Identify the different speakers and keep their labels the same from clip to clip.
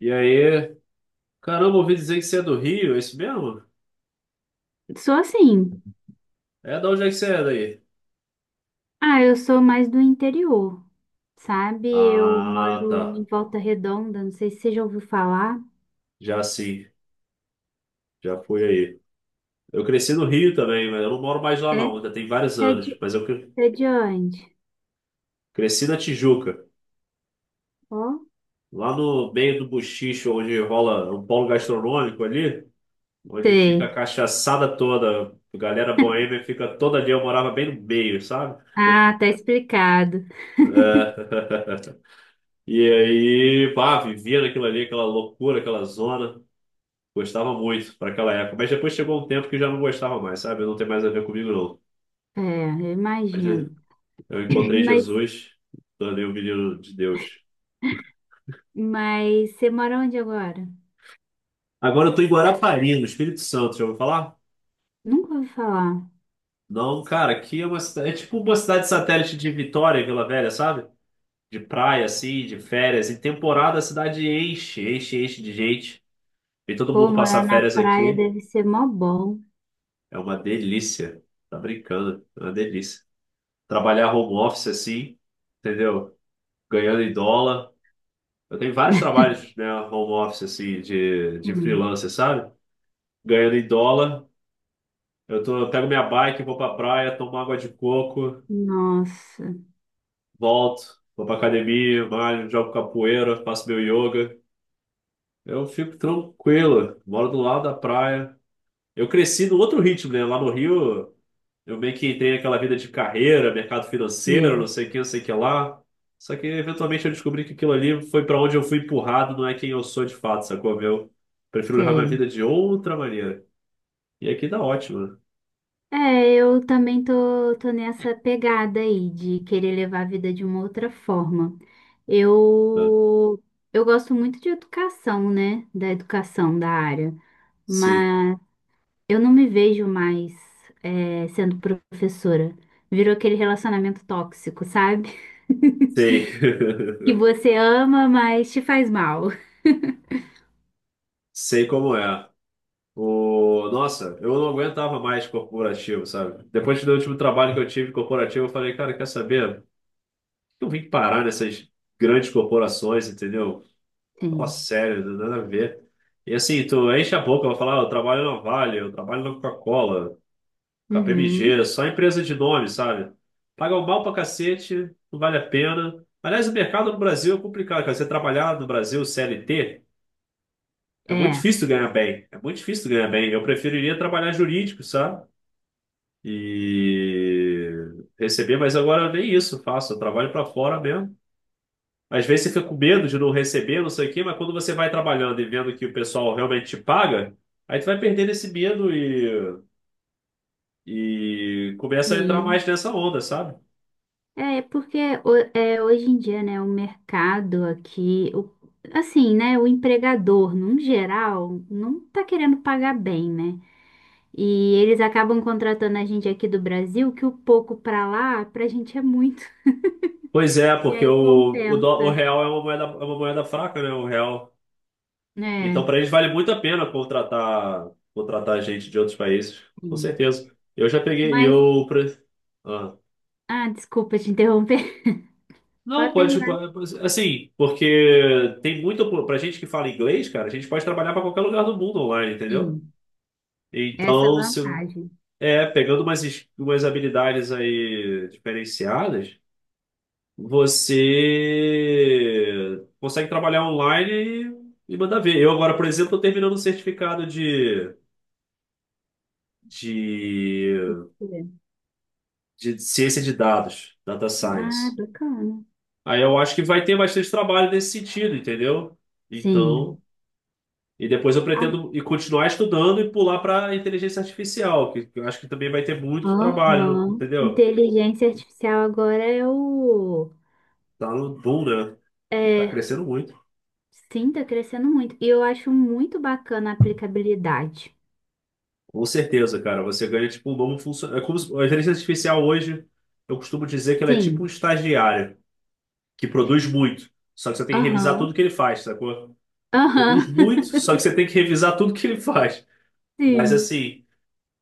Speaker 1: E aí? Caramba, ouvi dizer que você é do Rio, é isso mesmo?
Speaker 2: Sou assim.
Speaker 1: É da onde é que você é daí?
Speaker 2: Ah, eu sou mais do interior, sabe? Eu
Speaker 1: Ah,
Speaker 2: moro em
Speaker 1: tá.
Speaker 2: Volta Redonda, não sei se você já ouviu falar.
Speaker 1: Já sim, já fui aí. Eu cresci no Rio também, mas eu não moro mais lá
Speaker 2: É?
Speaker 1: não, ainda tem vários
Speaker 2: É
Speaker 1: anos.
Speaker 2: de,
Speaker 1: Mas
Speaker 2: é de onde?
Speaker 1: cresci na Tijuca,
Speaker 2: Ó.
Speaker 1: lá no meio do Buchicho, onde rola um polo gastronômico ali, onde fica a
Speaker 2: Sei.
Speaker 1: cachaçada toda, a galera boêmia fica toda ali, eu morava bem no meio, sabe?
Speaker 2: Ah, tá explicado.
Speaker 1: É. E aí, pá, vivia naquilo ali, aquela loucura, aquela zona. Gostava muito para aquela época, mas depois chegou um tempo que eu já não gostava mais, sabe? Não tem mais a ver comigo, não.
Speaker 2: É, eu
Speaker 1: Mas
Speaker 2: imagino.
Speaker 1: eu encontrei
Speaker 2: Mas,
Speaker 1: Jesus, tornei o menino de Deus.
Speaker 2: mas você mora onde agora?
Speaker 1: Agora eu tô em Guarapari, no Espírito Santo, já ouviu falar?
Speaker 2: Nunca ouvi falar.
Speaker 1: Não, cara, aqui é uma cidade, é tipo uma cidade satélite de Vitória, Vila Velha, sabe? De praia, assim, de férias. Em temporada a cidade enche, enche, enche de gente. E todo
Speaker 2: Pô,
Speaker 1: mundo
Speaker 2: morar
Speaker 1: passar
Speaker 2: na
Speaker 1: férias
Speaker 2: praia
Speaker 1: aqui.
Speaker 2: deve ser mó bom.
Speaker 1: É uma delícia. Tá brincando, é uma delícia. Trabalhar home office, assim, entendeu? Ganhando em dólar. Eu tenho vários trabalhos, né, home office, assim, de
Speaker 2: Hum.
Speaker 1: freelancer, sabe? Ganhando em dólar. Eu tô, eu pego minha bike, vou pra praia, tomo água de coco,
Speaker 2: Nossa,
Speaker 1: volto, vou pra academia, malho, jogo capoeira, faço meu yoga. Eu fico tranquilo, moro do lado da praia. Eu cresci no outro ritmo, né? Lá no Rio, eu meio que entrei naquela vida de carreira, mercado financeiro, não
Speaker 2: sim,
Speaker 1: sei o que, não sei o que lá. Só que eventualmente eu descobri que aquilo ali foi para onde eu fui empurrado, não é quem eu sou de fato, sacou? Eu prefiro levar minha
Speaker 2: sei.
Speaker 1: vida de outra maneira. E aqui dá ótimo,
Speaker 2: É, eu também tô nessa pegada aí de querer levar a vida de uma outra forma.
Speaker 1: né?
Speaker 2: Eu, eu gosto muito de educação, né? Da educação da área,
Speaker 1: Sim,
Speaker 2: mas eu não me vejo mais sendo professora. Virou aquele relacionamento tóxico, sabe?
Speaker 1: sei.
Speaker 2: Que você ama, mas te faz mal.
Speaker 1: Sei como é. Nossa, eu não aguentava mais corporativo, sabe? Depois do último trabalho que eu tive corporativo, eu falei, cara, quer saber? Eu vim parar nessas grandes corporações, entendeu? Nossa,
Speaker 2: Sim.
Speaker 1: sério, não tem nada a ver. E assim, tu enche a boca, vai falar, "Ah, eu trabalho na Vale, eu trabalho na Coca-Cola,
Speaker 2: Uhum.
Speaker 1: KPMG, só empresa de nome, sabe?" Paga um mal pra cacete, não vale a pena. Aliás, o mercado no Brasil é complicado, cara. Você trabalhar no Brasil CLT é muito
Speaker 2: É.
Speaker 1: difícil ganhar bem. É muito difícil ganhar bem. Eu preferiria trabalhar jurídico, sabe? E receber, mas agora nem isso eu faço. Eu trabalho pra fora mesmo. Às vezes você fica com medo de não receber, não sei o quê, mas quando você vai trabalhando e vendo que o pessoal realmente te paga, aí tu vai perdendo esse medo e começa a entrar
Speaker 2: Sim.
Speaker 1: mais nessa onda, sabe?
Speaker 2: É, é porque hoje em dia, né, o mercado aqui, o- assim, né, o empregador, num geral, não tá querendo pagar bem, né? E eles acabam contratando a gente aqui do Brasil, que o pouco pra lá, pra gente é muito.
Speaker 1: Pois é,
Speaker 2: E
Speaker 1: porque
Speaker 2: aí
Speaker 1: o, o, dó-
Speaker 2: compensa.
Speaker 1: o real é uma moeda fraca, né? O real.
Speaker 2: É,
Speaker 1: Então, para eles vale muito a pena contratar, contratar gente de outros países, com
Speaker 2: sim.
Speaker 1: certeza. Eu já peguei,
Speaker 2: Mas,
Speaker 1: Ah.
Speaker 2: ah, desculpa te interromper. Pode
Speaker 1: Não, pode,
Speaker 2: terminar.
Speaker 1: assim, porque tem muito, pra gente que fala inglês, cara, a gente pode trabalhar para qualquer lugar do mundo online, entendeu?
Speaker 2: Sim, essa é a
Speaker 1: Então, se,
Speaker 2: vantagem.
Speaker 1: é, pegando umas, umas habilidades aí diferenciadas, você consegue trabalhar online e mandar ver. Eu agora, por exemplo, estou terminando um certificado de, de ciência de dados, data
Speaker 2: Ah,
Speaker 1: science.
Speaker 2: bacana.
Speaker 1: Aí eu acho que vai ter bastante trabalho nesse sentido, entendeu?
Speaker 2: Sim.
Speaker 1: Então, e depois eu pretendo e continuar estudando e pular para inteligência artificial, que eu acho que também vai ter muito trabalho,
Speaker 2: Aham.
Speaker 1: entendeu?
Speaker 2: Inteligência artificial agora é o.
Speaker 1: Tá no boom, né? Tá
Speaker 2: É,
Speaker 1: crescendo muito.
Speaker 2: sim, tá crescendo muito. E eu acho muito bacana a aplicabilidade.
Speaker 1: Com certeza, cara. Você ganha tipo um novo funcionário. É como se- a inteligência artificial hoje, eu costumo dizer que ela é tipo um
Speaker 2: Sim.
Speaker 1: estagiário que produz muito. Só que você tem que revisar tudo que
Speaker 2: Aham.
Speaker 1: ele faz, sacou?
Speaker 2: Aham.
Speaker 1: Produz muito, só que você tem que revisar tudo que ele faz. Mas
Speaker 2: Sim.
Speaker 1: assim,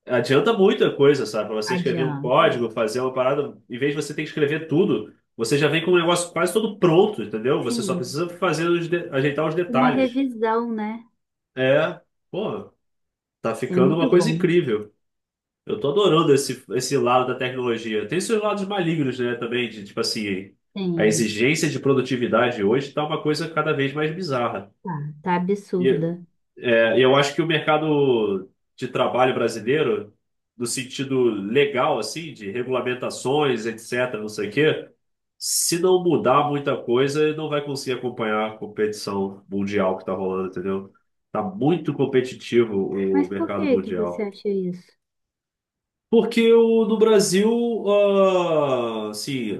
Speaker 1: adianta muita coisa, sabe? Pra você escrever um
Speaker 2: Adianta.
Speaker 1: código, fazer uma parada, em vez de você ter que escrever tudo, você já vem com o negócio quase todo pronto, entendeu? Você só
Speaker 2: Sim.
Speaker 1: precisa fazer os ajeitar os
Speaker 2: Uma
Speaker 1: detalhes.
Speaker 2: revisão, né?
Speaker 1: É, pô, tá
Speaker 2: É
Speaker 1: ficando uma
Speaker 2: muito
Speaker 1: coisa
Speaker 2: bom.
Speaker 1: incrível. Eu tô adorando esse, lado da tecnologia. Tem seus lados malignos, né, também, de tipo assim, a
Speaker 2: Sim.
Speaker 1: exigência de produtividade hoje tá uma coisa cada vez mais bizarra.
Speaker 2: Tá, tá
Speaker 1: E
Speaker 2: absurda.
Speaker 1: é, eu acho que o mercado de trabalho brasileiro, no sentido legal, assim, de regulamentações, etc., não sei o quê, se não mudar muita coisa, ele não vai conseguir acompanhar a competição mundial que tá rolando, entendeu? Tá muito competitivo o
Speaker 2: Mas por
Speaker 1: mercado
Speaker 2: que que você
Speaker 1: mundial.
Speaker 2: acha isso?
Speaker 1: Porque o, no Brasil, ah, assim,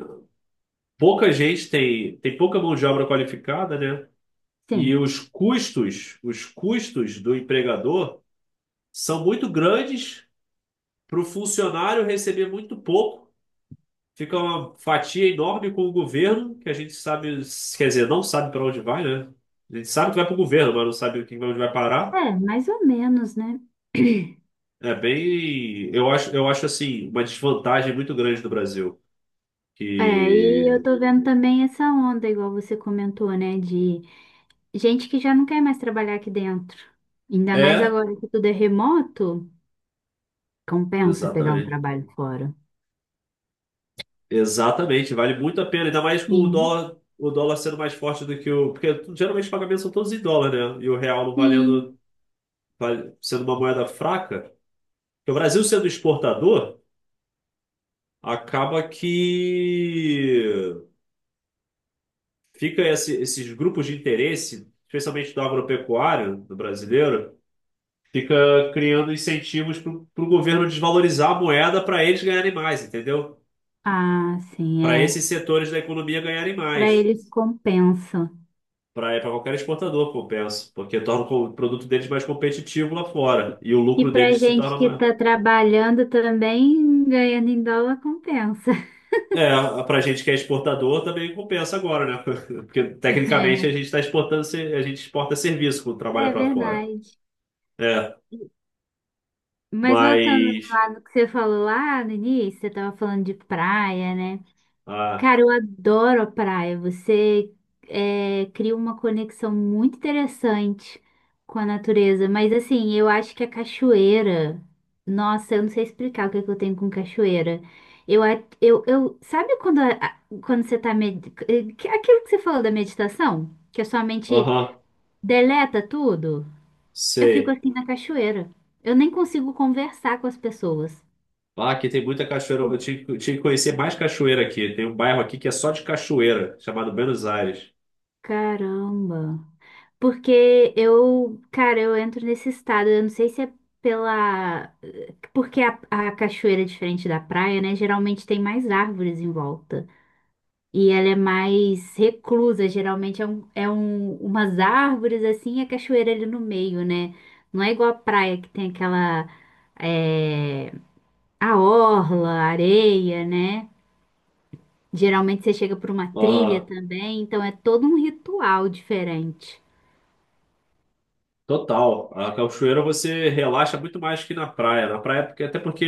Speaker 1: pouca gente tem pouca mão de obra qualificada, né? E
Speaker 2: Sim.
Speaker 1: os custos do empregador são muito grandes para o funcionário receber muito pouco. Fica uma fatia enorme com o governo, que a gente sabe, quer dizer, não sabe para onde vai, né? A gente sabe que vai para o governo, mas não sabe onde vai parar.
Speaker 2: É, mais ou menos, né?
Speaker 1: É bem, eu acho assim, uma desvantagem muito grande do Brasil,
Speaker 2: É, e eu
Speaker 1: que
Speaker 2: tô vendo também essa onda, igual você comentou, né? De gente que já não quer mais trabalhar aqui dentro. Ainda mais
Speaker 1: é.
Speaker 2: agora que tudo é remoto, compensa pegar um
Speaker 1: Exatamente.
Speaker 2: trabalho fora.
Speaker 1: Exatamente. Vale muito a pena, ainda mais com
Speaker 2: Sim,
Speaker 1: o dólar sendo mais forte do que o. Porque geralmente os pagamentos são todos em dólar, né? E o real não valendo,
Speaker 2: sim.
Speaker 1: sendo uma moeda fraca. Porque o Brasil sendo exportador, acaba que fica esses grupos de interesse, especialmente do agropecuário, do brasileiro, fica criando incentivos para o governo desvalorizar a moeda para eles ganharem mais, entendeu?
Speaker 2: Ah, sim,
Speaker 1: Para
Speaker 2: é.
Speaker 1: esses setores da economia ganharem
Speaker 2: Para
Speaker 1: mais.
Speaker 2: eles compensa.
Speaker 1: Para qualquer exportador, compensa, porque torna o produto deles mais competitivo lá fora e o
Speaker 2: E
Speaker 1: lucro
Speaker 2: para
Speaker 1: deles se
Speaker 2: gente
Speaker 1: torna
Speaker 2: que
Speaker 1: maior.
Speaker 2: está trabalhando também, ganhando em dólar, compensa.
Speaker 1: É, para gente que é exportador também compensa agora, né? Porque tecnicamente a gente está exportando, a gente exporta serviço quando
Speaker 2: É,
Speaker 1: trabalha
Speaker 2: é
Speaker 1: para fora.
Speaker 2: verdade.
Speaker 1: É,
Speaker 2: Mas voltando
Speaker 1: mas.
Speaker 2: lá no que você falou lá no início, você estava falando de praia, né?
Speaker 1: Ah,
Speaker 2: Cara, eu adoro a praia. Cria uma conexão muito interessante com a natureza. Mas assim, eu acho que a cachoeira. Nossa, eu não sei explicar o que é que eu tenho com cachoeira. Eu, a- eu, sabe quando, quando você tá. Aquilo que você falou da meditação? Que a sua mente
Speaker 1: aham,
Speaker 2: deleta tudo? Eu fico
Speaker 1: sei.
Speaker 2: assim na cachoeira. Eu nem consigo conversar com as pessoas.
Speaker 1: Ah, aqui tem muita cachoeira. Eu
Speaker 2: Por-
Speaker 1: tinha, eu tinha que conhecer mais cachoeira aqui. Tem um bairro aqui que é só de cachoeira, chamado Buenos Aires.
Speaker 2: Caramba. Porque eu, cara, eu entro nesse estado. Eu não sei se é pela. Porque a cachoeira é diferente da praia, né? Geralmente tem mais árvores em volta. E ela é mais reclusa. Geralmente é um, umas árvores assim e a cachoeira ali no meio, né? Não é igual a praia que tem aquela. É, a orla, a areia, né? Geralmente você chega por uma trilha
Speaker 1: Aham.
Speaker 2: também. Então é todo um ritual diferente.
Speaker 1: Total. A cachoeira você relaxa muito mais que na praia. Na praia, porque, até porque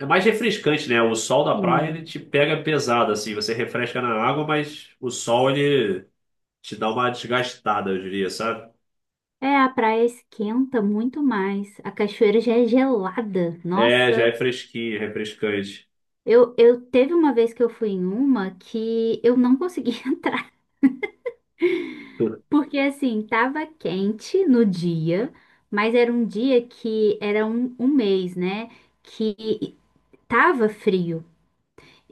Speaker 1: é, é mais refrescante, né? O sol da praia ele
Speaker 2: Sim.
Speaker 1: te pega pesado, assim. Você refresca na água, mas o sol ele te dá uma desgastada, eu diria, sabe?
Speaker 2: É, a praia esquenta muito mais. A cachoeira já é gelada.
Speaker 1: É, já
Speaker 2: Nossa,
Speaker 1: é fresquinho, refrescante.
Speaker 2: eu teve uma vez que eu fui em uma que eu não consegui entrar, porque assim, tava quente no dia, mas era um dia que era um mês, né? Que tava frio.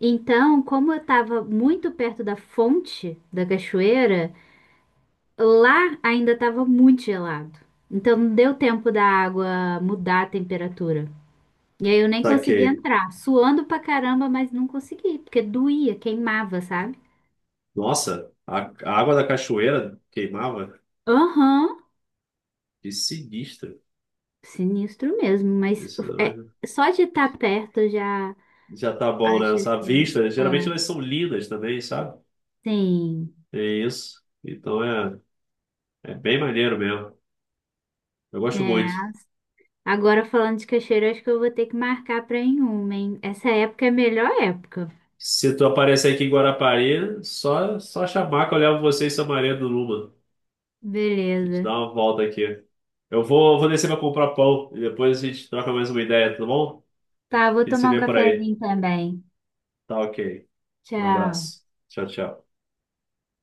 Speaker 2: Então, como eu tava muito perto da fonte da cachoeira, lá ainda tava muito gelado. Então, não deu tempo da água mudar a temperatura. E aí eu nem consegui
Speaker 1: Saquei.
Speaker 2: entrar, suando pra caramba, mas não consegui, porque doía, queimava, sabe?
Speaker 1: Nossa, a água da cachoeira queimava.
Speaker 2: Aham,
Speaker 1: Que sinistro.
Speaker 2: sinistro mesmo, mas
Speaker 1: Isso
Speaker 2: é, só de estar perto eu já
Speaker 1: já tá bom, né?
Speaker 2: acho
Speaker 1: Essa
Speaker 2: assim,
Speaker 1: vista,
Speaker 2: é,
Speaker 1: geralmente elas são lindas também, sabe?
Speaker 2: sim,
Speaker 1: É isso. Então é. É bem maneiro mesmo. Eu gosto muito.
Speaker 2: né? Agora falando de cachoeira, acho que eu vou ter que marcar pra ir em uma, hein? Essa época é a melhor época.
Speaker 1: Se tu aparecer aqui em Guarapari, só chamar que eu levo você e sua Maria do Luma. A gente
Speaker 2: Beleza.
Speaker 1: dá uma volta aqui. Eu vou descer pra comprar pão e depois a gente troca mais uma ideia, tá bom?
Speaker 2: Tá, vou
Speaker 1: A gente se
Speaker 2: tomar um
Speaker 1: vê por aí.
Speaker 2: cafezinho também.
Speaker 1: Tá ok. Um
Speaker 2: Tchau.
Speaker 1: abraço. Tchau, tchau.